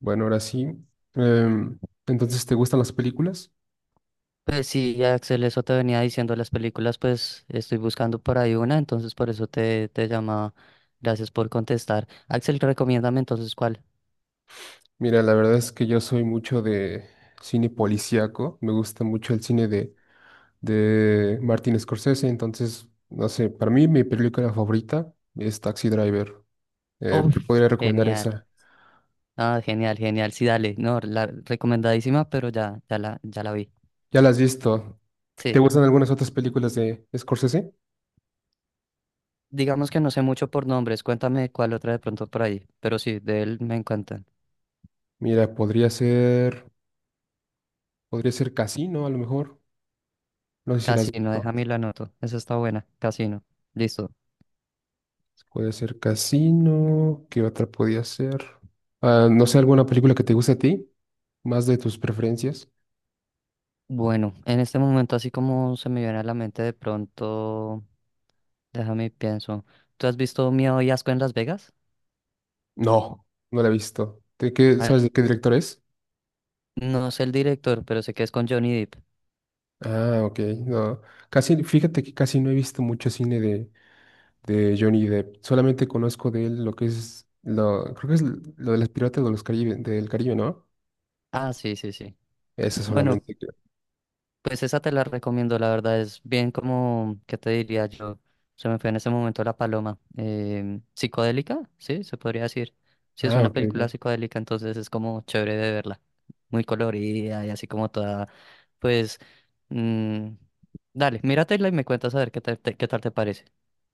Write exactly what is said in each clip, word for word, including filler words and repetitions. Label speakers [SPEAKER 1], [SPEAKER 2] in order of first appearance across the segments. [SPEAKER 1] Bueno, ahora sí. Em, entonces, ¿te gustan las películas?
[SPEAKER 2] Pues sí, Axel, eso te venía diciendo las películas, pues estoy buscando por ahí una, entonces por eso te, te llamaba. Gracias por contestar. Axel, recomiéndame entonces cuál.
[SPEAKER 1] Mira, la verdad es que yo soy mucho de cine policíaco. Me gusta mucho el cine de, de Martin Scorsese. Entonces, no sé, para mí mi película favorita es Taxi Driver. Eh, te
[SPEAKER 2] Uf,
[SPEAKER 1] podría recomendar
[SPEAKER 2] genial.
[SPEAKER 1] esa.
[SPEAKER 2] Ah, genial, genial. Sí, dale. No, la recomendadísima, pero ya, ya la, ya la vi.
[SPEAKER 1] Ya la has visto. ¿Te
[SPEAKER 2] Sí.
[SPEAKER 1] gustan algunas otras películas de Scorsese?
[SPEAKER 2] Digamos que no sé mucho por nombres. Cuéntame cuál otra de pronto por ahí. Pero sí, de él me encantan.
[SPEAKER 1] Mira, podría ser, podría ser Casino, a lo mejor. No sé si las has
[SPEAKER 2] Casino,
[SPEAKER 1] visto.
[SPEAKER 2] déjame y la anoto. Esa está buena. Casino. Listo.
[SPEAKER 1] Puede ser Casino. ¿Qué otra podía ser? Ah, no sé, ¿alguna película que te guste a ti? ¿Más de tus preferencias?
[SPEAKER 2] Bueno, en este momento así como se me viene a la mente de pronto. Déjame pienso. ¿Tú has visto Miedo y Asco en Las Vegas?
[SPEAKER 1] No, no la he visto. ¿De qué,
[SPEAKER 2] Al-
[SPEAKER 1] sabes de qué director es?
[SPEAKER 2] No sé el director, pero sé que es con Johnny Depp.
[SPEAKER 1] Ah, ok. No. Casi, fíjate que casi no he visto mucho cine de, de Johnny Depp. Solamente conozco de él lo que es, lo, creo que es lo de las piratas de los Caribe, del Caribe, ¿no?
[SPEAKER 2] Ah, sí, sí, sí.
[SPEAKER 1] Eso
[SPEAKER 2] Bueno,
[SPEAKER 1] solamente creo.
[SPEAKER 2] pues esa te la recomiendo, la verdad es bien como, ¿qué te diría yo? Se me fue en ese momento la paloma. Em, psicodélica, sí, se podría decir. Sí, es
[SPEAKER 1] Ah,
[SPEAKER 2] una película
[SPEAKER 1] ok.
[SPEAKER 2] psicodélica, entonces es como chévere de verla. Muy colorida y así como toda, pues, mm, dale, míratela y me cuentas a ver qué tal te, qué tal te parece.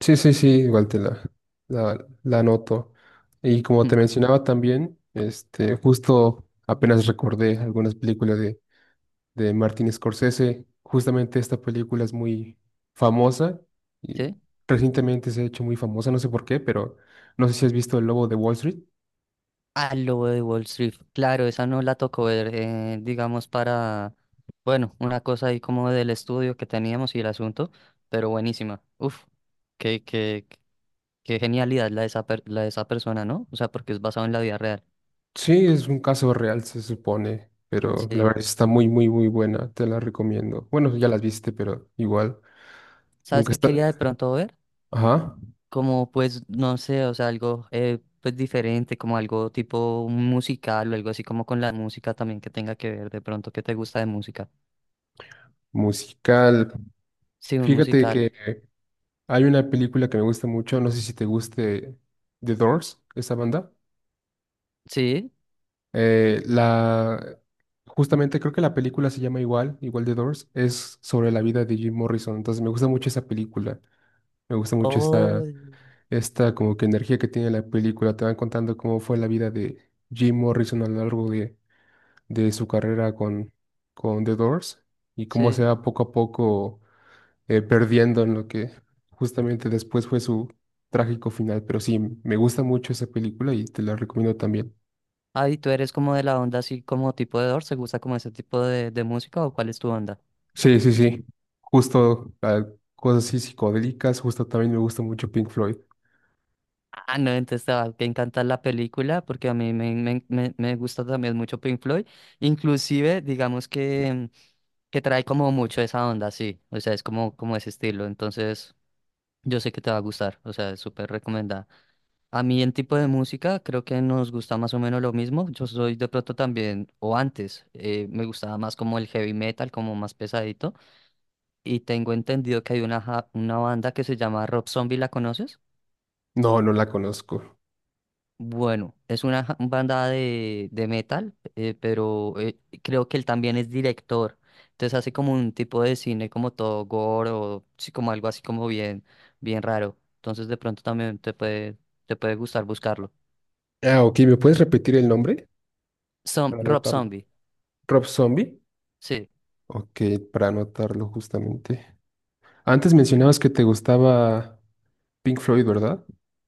[SPEAKER 1] Sí, sí, sí, igual te la, la, la anoto. Y como te mencionaba también, este, justo apenas recordé algunas películas de, de Martin Scorsese. Justamente esta película es muy famosa
[SPEAKER 2] ¿Sí?
[SPEAKER 1] y recientemente se ha hecho muy famosa, no sé por qué, pero no sé si has visto El Lobo de Wall Street.
[SPEAKER 2] Al lobo de Wall Street. Claro, esa no la tocó ver, eh, digamos, para, bueno, una cosa ahí como del estudio que teníamos y el asunto, pero buenísima. Uf, qué, qué, qué genialidad la de esa, per- la de esa persona, ¿no? O sea, porque es basado en la vida real.
[SPEAKER 1] Sí, es un caso real, se supone, pero la verdad
[SPEAKER 2] Sí.
[SPEAKER 1] está muy, muy, muy buena, te la recomiendo. Bueno, ya las viste, pero igual,
[SPEAKER 2] ¿Sabes
[SPEAKER 1] nunca
[SPEAKER 2] qué
[SPEAKER 1] está...
[SPEAKER 2] quería de pronto ver?
[SPEAKER 1] Ajá,
[SPEAKER 2] Como, pues, no sé, o sea, algo, eh, pues, diferente, como algo tipo musical o algo así como con la música también que tenga que ver de pronto qué te gusta de música.
[SPEAKER 1] musical.
[SPEAKER 2] Sí, un
[SPEAKER 1] Fíjate
[SPEAKER 2] musical.
[SPEAKER 1] que hay una película que me gusta mucho, no sé si te guste The Doors, esa banda.
[SPEAKER 2] Sí.
[SPEAKER 1] Eh, la, Justamente creo que la película se llama igual, igual The Doors, es sobre la vida de Jim Morrison, entonces me gusta mucho esa película, me gusta mucho esta,
[SPEAKER 2] Oh,
[SPEAKER 1] esta como que energía que tiene la película, te van contando cómo fue la vida de Jim Morrison a lo largo de, de su carrera con, con The Doors y cómo se
[SPEAKER 2] sí.
[SPEAKER 1] va poco a poco, eh, perdiendo en lo que justamente después fue su trágico final. Pero sí, me gusta mucho esa película y te la recomiendo también.
[SPEAKER 2] Ah, ¿y tú eres como de la onda así como tipo de Doors? ¿Te gusta como ese tipo de, de música o cuál es tu onda?
[SPEAKER 1] Sí, sí, sí. Justo ah, cosas así psicodélicas, justo también me gusta mucho Pink Floyd.
[SPEAKER 2] Ah, no, entonces te va a encantar la película porque a mí me, me, me, me gusta también mucho Pink Floyd. Inclusive, digamos que, que trae como mucho esa onda, sí. O sea, es como, como ese estilo. Entonces, yo sé que te va a gustar. O sea, es súper recomendada. A mí en tipo de música creo que nos gusta más o menos lo mismo. Yo soy de pronto también, o antes, eh, me gustaba más como el heavy metal, como más pesadito. Y tengo entendido que hay una, ja- una banda que se llama Rob Zombie, ¿la conoces?
[SPEAKER 1] No, no la conozco.
[SPEAKER 2] Bueno, es una ja- banda de, de metal, eh, pero eh, creo que él también es director. Entonces hace como un tipo de cine como todo gore o sí, como algo así como bien, bien raro. Entonces de pronto también te puede, te puede gustar buscarlo.
[SPEAKER 1] Ah, ok, ¿me puedes repetir el nombre?
[SPEAKER 2] Som-
[SPEAKER 1] Para
[SPEAKER 2] Rob
[SPEAKER 1] anotarlo.
[SPEAKER 2] Zombie,
[SPEAKER 1] Rob Zombie.
[SPEAKER 2] sí.
[SPEAKER 1] Ok, para anotarlo justamente. Antes mencionabas que te gustaba Pink Floyd, ¿verdad?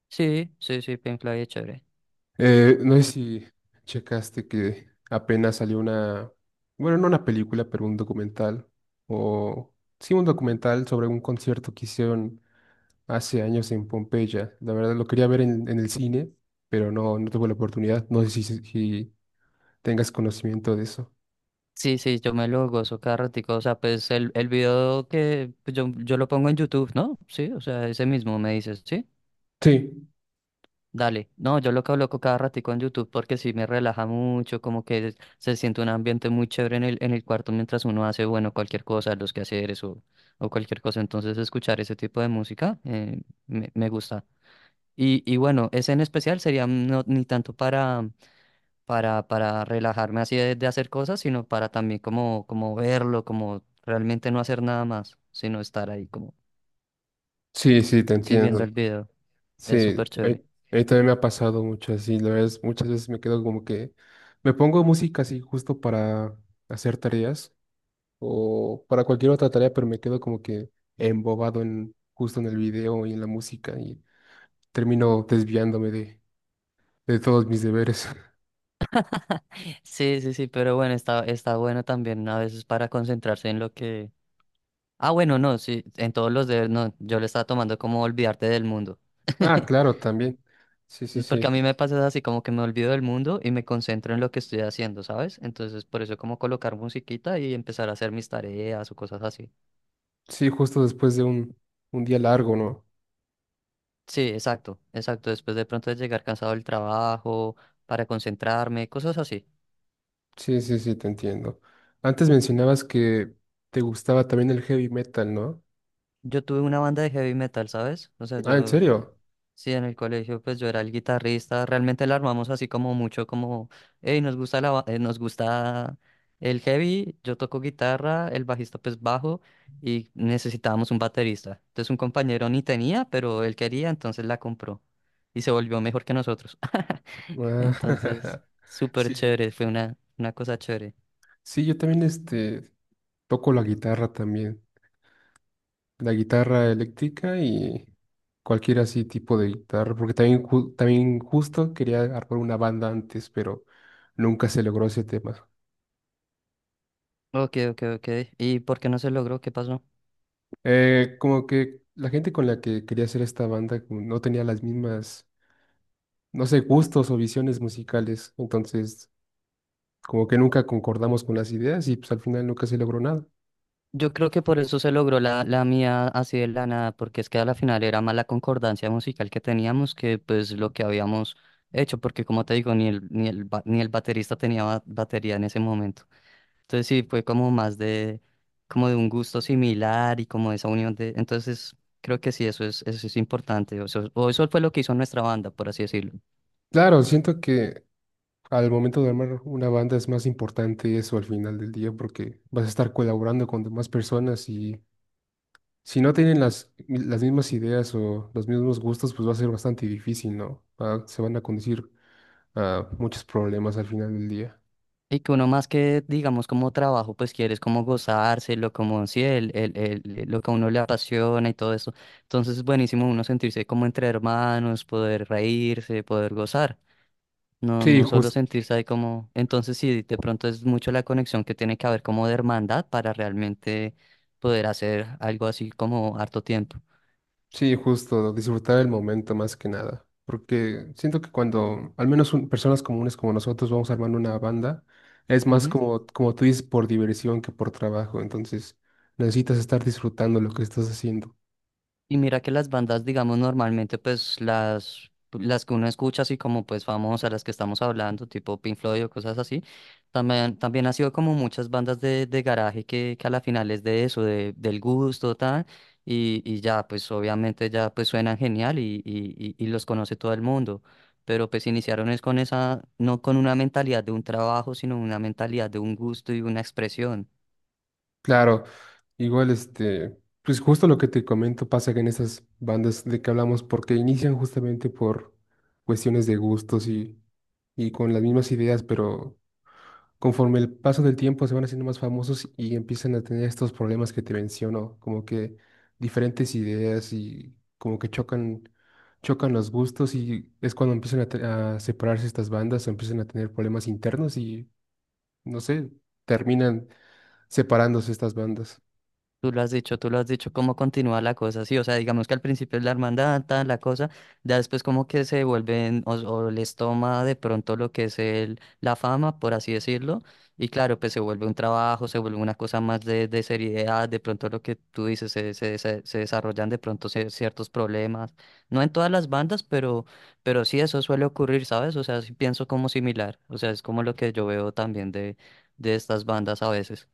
[SPEAKER 2] Sí, sí, sí, Pink Floyd es chévere.
[SPEAKER 1] Eh, no sé si checaste que apenas salió una, bueno, no una película, pero un documental, o sí, un documental sobre un concierto que hicieron hace años en Pompeya. La verdad lo quería ver en, en el cine, pero no, no tuve la oportunidad. No sé si, si tengas conocimiento de eso.
[SPEAKER 2] Sí, sí, yo me lo gozo cada ratico. O sea, pues el, el video que pues, yo, yo lo pongo en YouTube, ¿no? Sí, o sea, ese mismo me dices, ¿sí?
[SPEAKER 1] Sí,
[SPEAKER 2] Dale. No, yo lo coloco cada ratico en YouTube porque sí me relaja mucho, como que se siente un ambiente muy chévere en el, en el cuarto mientras uno hace, bueno, cualquier cosa, los quehaceres o, o cualquier cosa. Entonces, escuchar ese tipo de música eh, me, me gusta. Y, y bueno, ese en especial sería no, ni tanto para para, para relajarme así de, de hacer cosas, sino para también como, como verlo, como realmente no hacer nada más, sino estar ahí como,
[SPEAKER 1] sí, sí, te
[SPEAKER 2] sí, viendo
[SPEAKER 1] entiendo.
[SPEAKER 2] el video. Es
[SPEAKER 1] Sí,
[SPEAKER 2] súper
[SPEAKER 1] a mí
[SPEAKER 2] chévere.
[SPEAKER 1] a mí también me ha pasado mucho así, la verdad, es- muchas veces me quedo como que me pongo música así justo para hacer tareas o para cualquier otra tarea, pero me quedo como que embobado en justo en el video y en la música y termino desviándome de, de todos mis deberes.
[SPEAKER 2] Sí, sí, sí, pero bueno, está, está bueno también a veces para concentrarse en lo que... Ah, bueno, no, sí, en todos los deberes, no, yo le estaba tomando como olvidarte del mundo.
[SPEAKER 1] Ah, claro, también. Sí, sí,
[SPEAKER 2] Porque a
[SPEAKER 1] sí.
[SPEAKER 2] mí me pasa así como que me olvido del mundo y me concentro en lo que estoy haciendo, ¿sabes? Entonces, por eso como colocar musiquita y empezar a hacer mis tareas o cosas así.
[SPEAKER 1] Sí, justo después de un, un día largo, ¿no?
[SPEAKER 2] Sí, exacto, exacto. Después de pronto de llegar cansado del trabajo, para concentrarme, cosas así.
[SPEAKER 1] Sí, sí, sí, te entiendo. Antes mencionabas que te gustaba también el heavy metal, ¿no?
[SPEAKER 2] Yo tuve una banda de heavy metal, ¿sabes? O sea,
[SPEAKER 1] Ah, ¿en
[SPEAKER 2] yo,
[SPEAKER 1] serio?
[SPEAKER 2] sí, en el colegio, pues yo era el guitarrista. Realmente la armamos así como mucho, como, hey, nos gusta la, ba- eh, nos gusta el heavy, yo toco guitarra, el bajista pues bajo y necesitábamos un baterista. Entonces un compañero ni tenía, pero él quería, entonces la compró y se volvió mejor que nosotros. Entonces,
[SPEAKER 1] Ah,
[SPEAKER 2] súper
[SPEAKER 1] sí.
[SPEAKER 2] chévere, fue una, una cosa chévere.
[SPEAKER 1] Sí, yo también este toco la guitarra también, la guitarra eléctrica y cualquier así tipo de guitarra, porque también, ju- también justo quería armar una banda antes, pero nunca se logró ese tema.
[SPEAKER 2] Ok, ok, ok. ¿Y por qué no se logró? ¿Qué pasó?
[SPEAKER 1] Eh, como que la gente con la que quería hacer esta banda como no tenía las mismas, no sé, gustos o visiones musicales, entonces como que nunca concordamos con las ideas y pues al final nunca se logró nada.
[SPEAKER 2] Yo creo que por eso se logró la, la mía así de la nada, porque es que a la final era más la concordancia musical que teníamos que pues lo que habíamos hecho, porque como te digo, ni el, ni el, ba- ni el baterista tenía ba- batería en ese momento. Entonces sí, fue como más de, como de un gusto similar y como esa unión de, entonces creo que sí, eso es, eso es importante, o eso, o eso fue lo que hizo nuestra banda, por así decirlo.
[SPEAKER 1] Claro, siento que al momento de armar una banda es más importante eso al final del día porque vas a estar colaborando con demás personas y si no tienen las, las mismas ideas o los mismos gustos, pues va a ser bastante difícil, ¿no? Va- se van a conducir a muchos problemas al final del día.
[SPEAKER 2] Y que uno más que, digamos, como trabajo, pues quieres como gozárselo, como sí, el, el, el- lo que a uno le apasiona y todo eso. Entonces es buenísimo uno sentirse como entre hermanos, poder reírse, poder gozar. No,
[SPEAKER 1] Sí,
[SPEAKER 2] no solo
[SPEAKER 1] jus-
[SPEAKER 2] sentirse ahí como... Entonces sí, de pronto es mucho la conexión que tiene que haber como de hermandad para realmente poder hacer algo así como harto tiempo.
[SPEAKER 1] sí, justo, disfrutar el momento más que nada. Porque siento que cuando, al menos un- personas comunes como nosotros, vamos armando una banda, es más como, como tú dices, por diversión que por trabajo. Entonces, necesitas estar disfrutando lo que estás haciendo.
[SPEAKER 2] Y mira que las bandas, digamos, normalmente, pues las, las que uno escucha, así como pues famosas, las que estamos hablando, tipo Pink Floyd o cosas así, también, también ha sido como muchas bandas de, de garaje que, que a la final es de eso, de, del gusto, tal, y, y ya, pues obviamente ya pues suenan genial y, y, y, y los conoce todo el mundo. Pero pues iniciaron es con esa, no con una mentalidad de un trabajo, sino una mentalidad de un gusto y una expresión.
[SPEAKER 1] Claro, igual este, pues justo lo que te comento pasa que en esas bandas de que hablamos, porque inician justamente por cuestiones de gustos y, y con las mismas ideas, pero conforme el paso del tiempo se van haciendo más famosos y empiezan a tener estos problemas que te menciono, como que diferentes ideas y como que chocan, chocan los gustos y es cuando empiezan a, te- a separarse estas bandas, empiezan a tener problemas internos y no sé, terminan separándose estas bandas.
[SPEAKER 2] Tú lo has dicho, tú lo has dicho, cómo continúa la cosa, sí, o sea, digamos que al principio es la hermandad, tal, la cosa, ya después como que se vuelven o, o, les toma de pronto lo que es el, la fama, por así decirlo, y claro, pues se vuelve un trabajo, se vuelve una cosa más de, de seriedad, de pronto lo que tú dices, se, se, se- se desarrollan de pronto cier- ciertos problemas, no en todas las bandas, pero, pero sí eso suele ocurrir, ¿sabes? O sea, sí pienso como similar, o sea, es como lo que yo veo también de, de estas bandas a veces.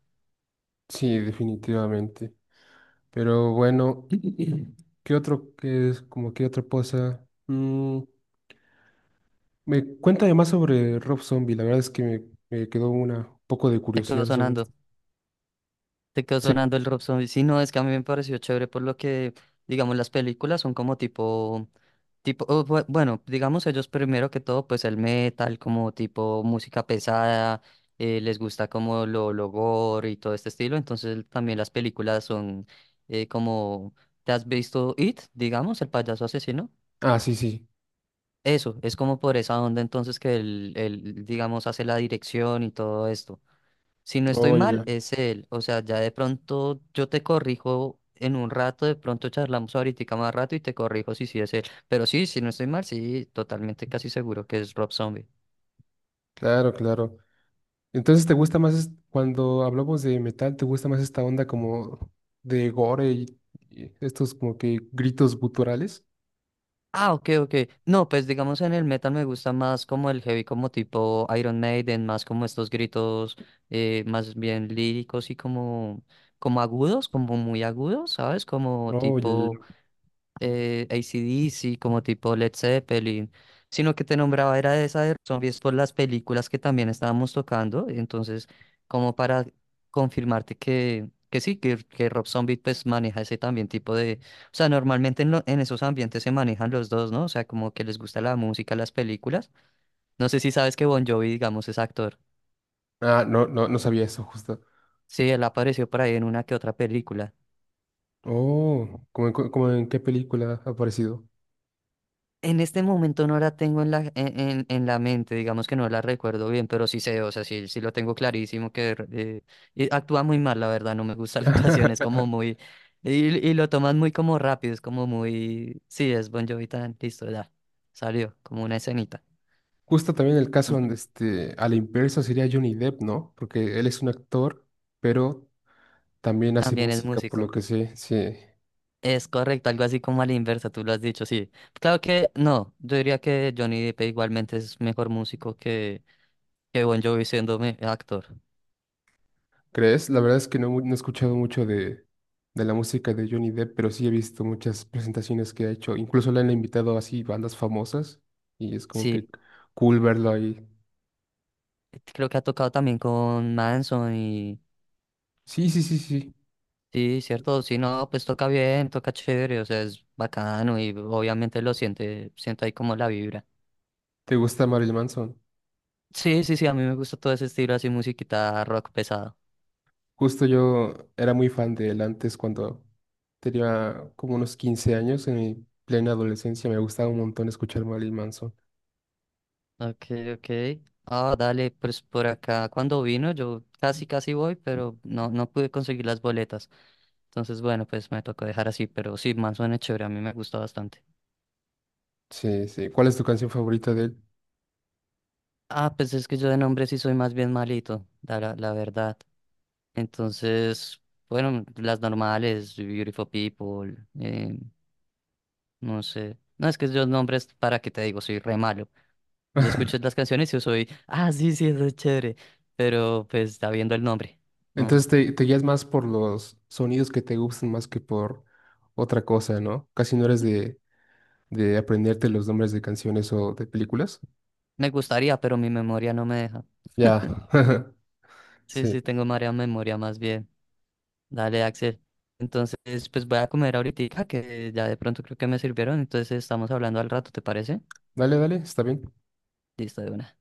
[SPEAKER 1] Sí, definitivamente. Pero bueno, ¿qué otro que es como qué otra cosa? Mm, me cuenta más sobre Rob Zombie. La verdad es que me, me quedó una un poco de
[SPEAKER 2] Te quedó
[SPEAKER 1] curiosidad sobre
[SPEAKER 2] sonando.
[SPEAKER 1] esto.
[SPEAKER 2] Te quedó
[SPEAKER 1] Sí.
[SPEAKER 2] sonando el Rob Zombie. Sí, no, es que a mí me pareció chévere por lo que, digamos, las películas son como tipo, tipo, o bue- bueno, digamos ellos primero que todo, pues el metal, como tipo música pesada, eh, les gusta como lo, lo gore y todo este estilo, entonces también las películas son eh, como, ¿te has visto It, digamos, el payaso asesino?
[SPEAKER 1] Ah, sí, sí.
[SPEAKER 2] Eso, es como por esa onda entonces que él, él, digamos, hace la dirección y todo esto. Si no estoy
[SPEAKER 1] Oh, ya,
[SPEAKER 2] mal,
[SPEAKER 1] ya.
[SPEAKER 2] es él. O sea, ya de pronto yo te corrijo en un rato, de pronto charlamos ahorita más rato y te corrijo si sí es él. Pero sí, si no estoy mal, sí, totalmente casi seguro que es Rob Zombie.
[SPEAKER 1] Claro, claro. Entonces, ¿te gusta más es- cuando hablamos de metal, ¿te gusta más esta onda como de gore y, y estos como que gritos guturales?
[SPEAKER 2] Ah, ok, ok. No, pues digamos en el metal me gusta más como el heavy, como tipo Iron Maiden, más como estos gritos eh, más bien líricos y como, como agudos, como muy agudos, ¿sabes? Como
[SPEAKER 1] Oh, ya, ya,
[SPEAKER 2] tipo...
[SPEAKER 1] ya.
[SPEAKER 2] eh, A C/D C, como tipo Led Zeppelin, sino que te nombraba era de esa de zombies por las películas que también estábamos tocando, entonces como para confirmarte que, que sí, que, que Rob Zombie pues maneja ese también tipo de, o sea, normalmente en, lo- en esos ambientes se manejan los dos, ¿no? O sea, como que les gusta la música, las películas. No sé si sabes que Bon Jovi, digamos, es actor.
[SPEAKER 1] Ah, no, no, no sabía eso justo.
[SPEAKER 2] Sí, él apareció por ahí en una que otra película.
[SPEAKER 1] Oh, ¿cómo en, cu- ¿como en qué película ha aparecido?
[SPEAKER 2] En este momento no la tengo en la, en, en- en la mente, digamos que no la recuerdo bien, pero sí sé, o sea, sí, sí lo tengo clarísimo que eh, y actúa muy mal, la verdad, no me gusta la actuación, es como muy, y, y lo toman muy como rápido, es como muy, sí, es Bon Jovi tan, listo, ya, salió, como una escenita.
[SPEAKER 1] Justo también el caso
[SPEAKER 2] Mm,
[SPEAKER 1] donde este, a la inversa sería Johnny Depp, ¿no? Porque él es un actor, pero también hace
[SPEAKER 2] también es
[SPEAKER 1] música, por lo
[SPEAKER 2] músico,
[SPEAKER 1] que sé, sí.
[SPEAKER 2] es correcto, algo así como a la inversa, tú lo has dicho, sí. Claro que no, yo diría que Johnny Depp igualmente es mejor músico que, que, Bon Jovi siendo me- actor,
[SPEAKER 1] ¿Crees? La verdad es que no, mu- no he escuchado mucho de, de la música de Johnny Depp, pero sí he visto muchas presentaciones que ha hecho. Incluso le han invitado así bandas famosas y es como
[SPEAKER 2] sí.
[SPEAKER 1] que cool verlo ahí.
[SPEAKER 2] Creo que ha tocado también con Manson y
[SPEAKER 1] Sí, sí, sí, sí.
[SPEAKER 2] sí, cierto, sí, no, pues toca bien, toca chévere, o sea, es bacano y obviamente lo siente, siento ahí como la vibra.
[SPEAKER 1] ¿Te gusta Marilyn Manson?
[SPEAKER 2] Sí, sí, sí, a mí me gusta todo ese estilo así, musiquita rock pesado.
[SPEAKER 1] Justo yo era muy fan de él antes cuando tenía como unos quince años, en mi plena adolescencia. Me gustaba un montón escuchar Marilyn Manson.
[SPEAKER 2] Ok, ok. Ah, dale, pues por acá cuando vino yo casi casi voy, pero no, no pude conseguir las boletas. Entonces, bueno, pues me tocó dejar así, pero sí, Manson es chévere, a mí me gustó bastante.
[SPEAKER 1] Sí, sí. ¿Cuál es tu canción favorita de él?
[SPEAKER 2] Ah, pues es que yo de nombre sí soy más bien malito, la, la verdad. Entonces, bueno, las normales, Beautiful People, eh, no sé. No, es que yo nombres, para qué te digo, soy re malo. Yo escucho las canciones y yo soy, ah, sí, sí, eso es chévere. Pero pues está viendo el nombre. No,
[SPEAKER 1] Entonces te, te guías más por los sonidos que te gustan más que por otra cosa, ¿no? Casi no eres de, de aprenderte los nombres de canciones o de películas.
[SPEAKER 2] me gustaría, pero mi memoria no me deja.
[SPEAKER 1] Ya.
[SPEAKER 2] Sí,
[SPEAKER 1] Sí.
[SPEAKER 2] sí, tengo marea memoria más bien. Dale, Axel. Entonces, pues voy a comer ahorita, que ya de pronto creo que me sirvieron. Entonces, estamos hablando al rato, ¿te parece?
[SPEAKER 1] Dale, dale, está bien.
[SPEAKER 2] Listo, de una.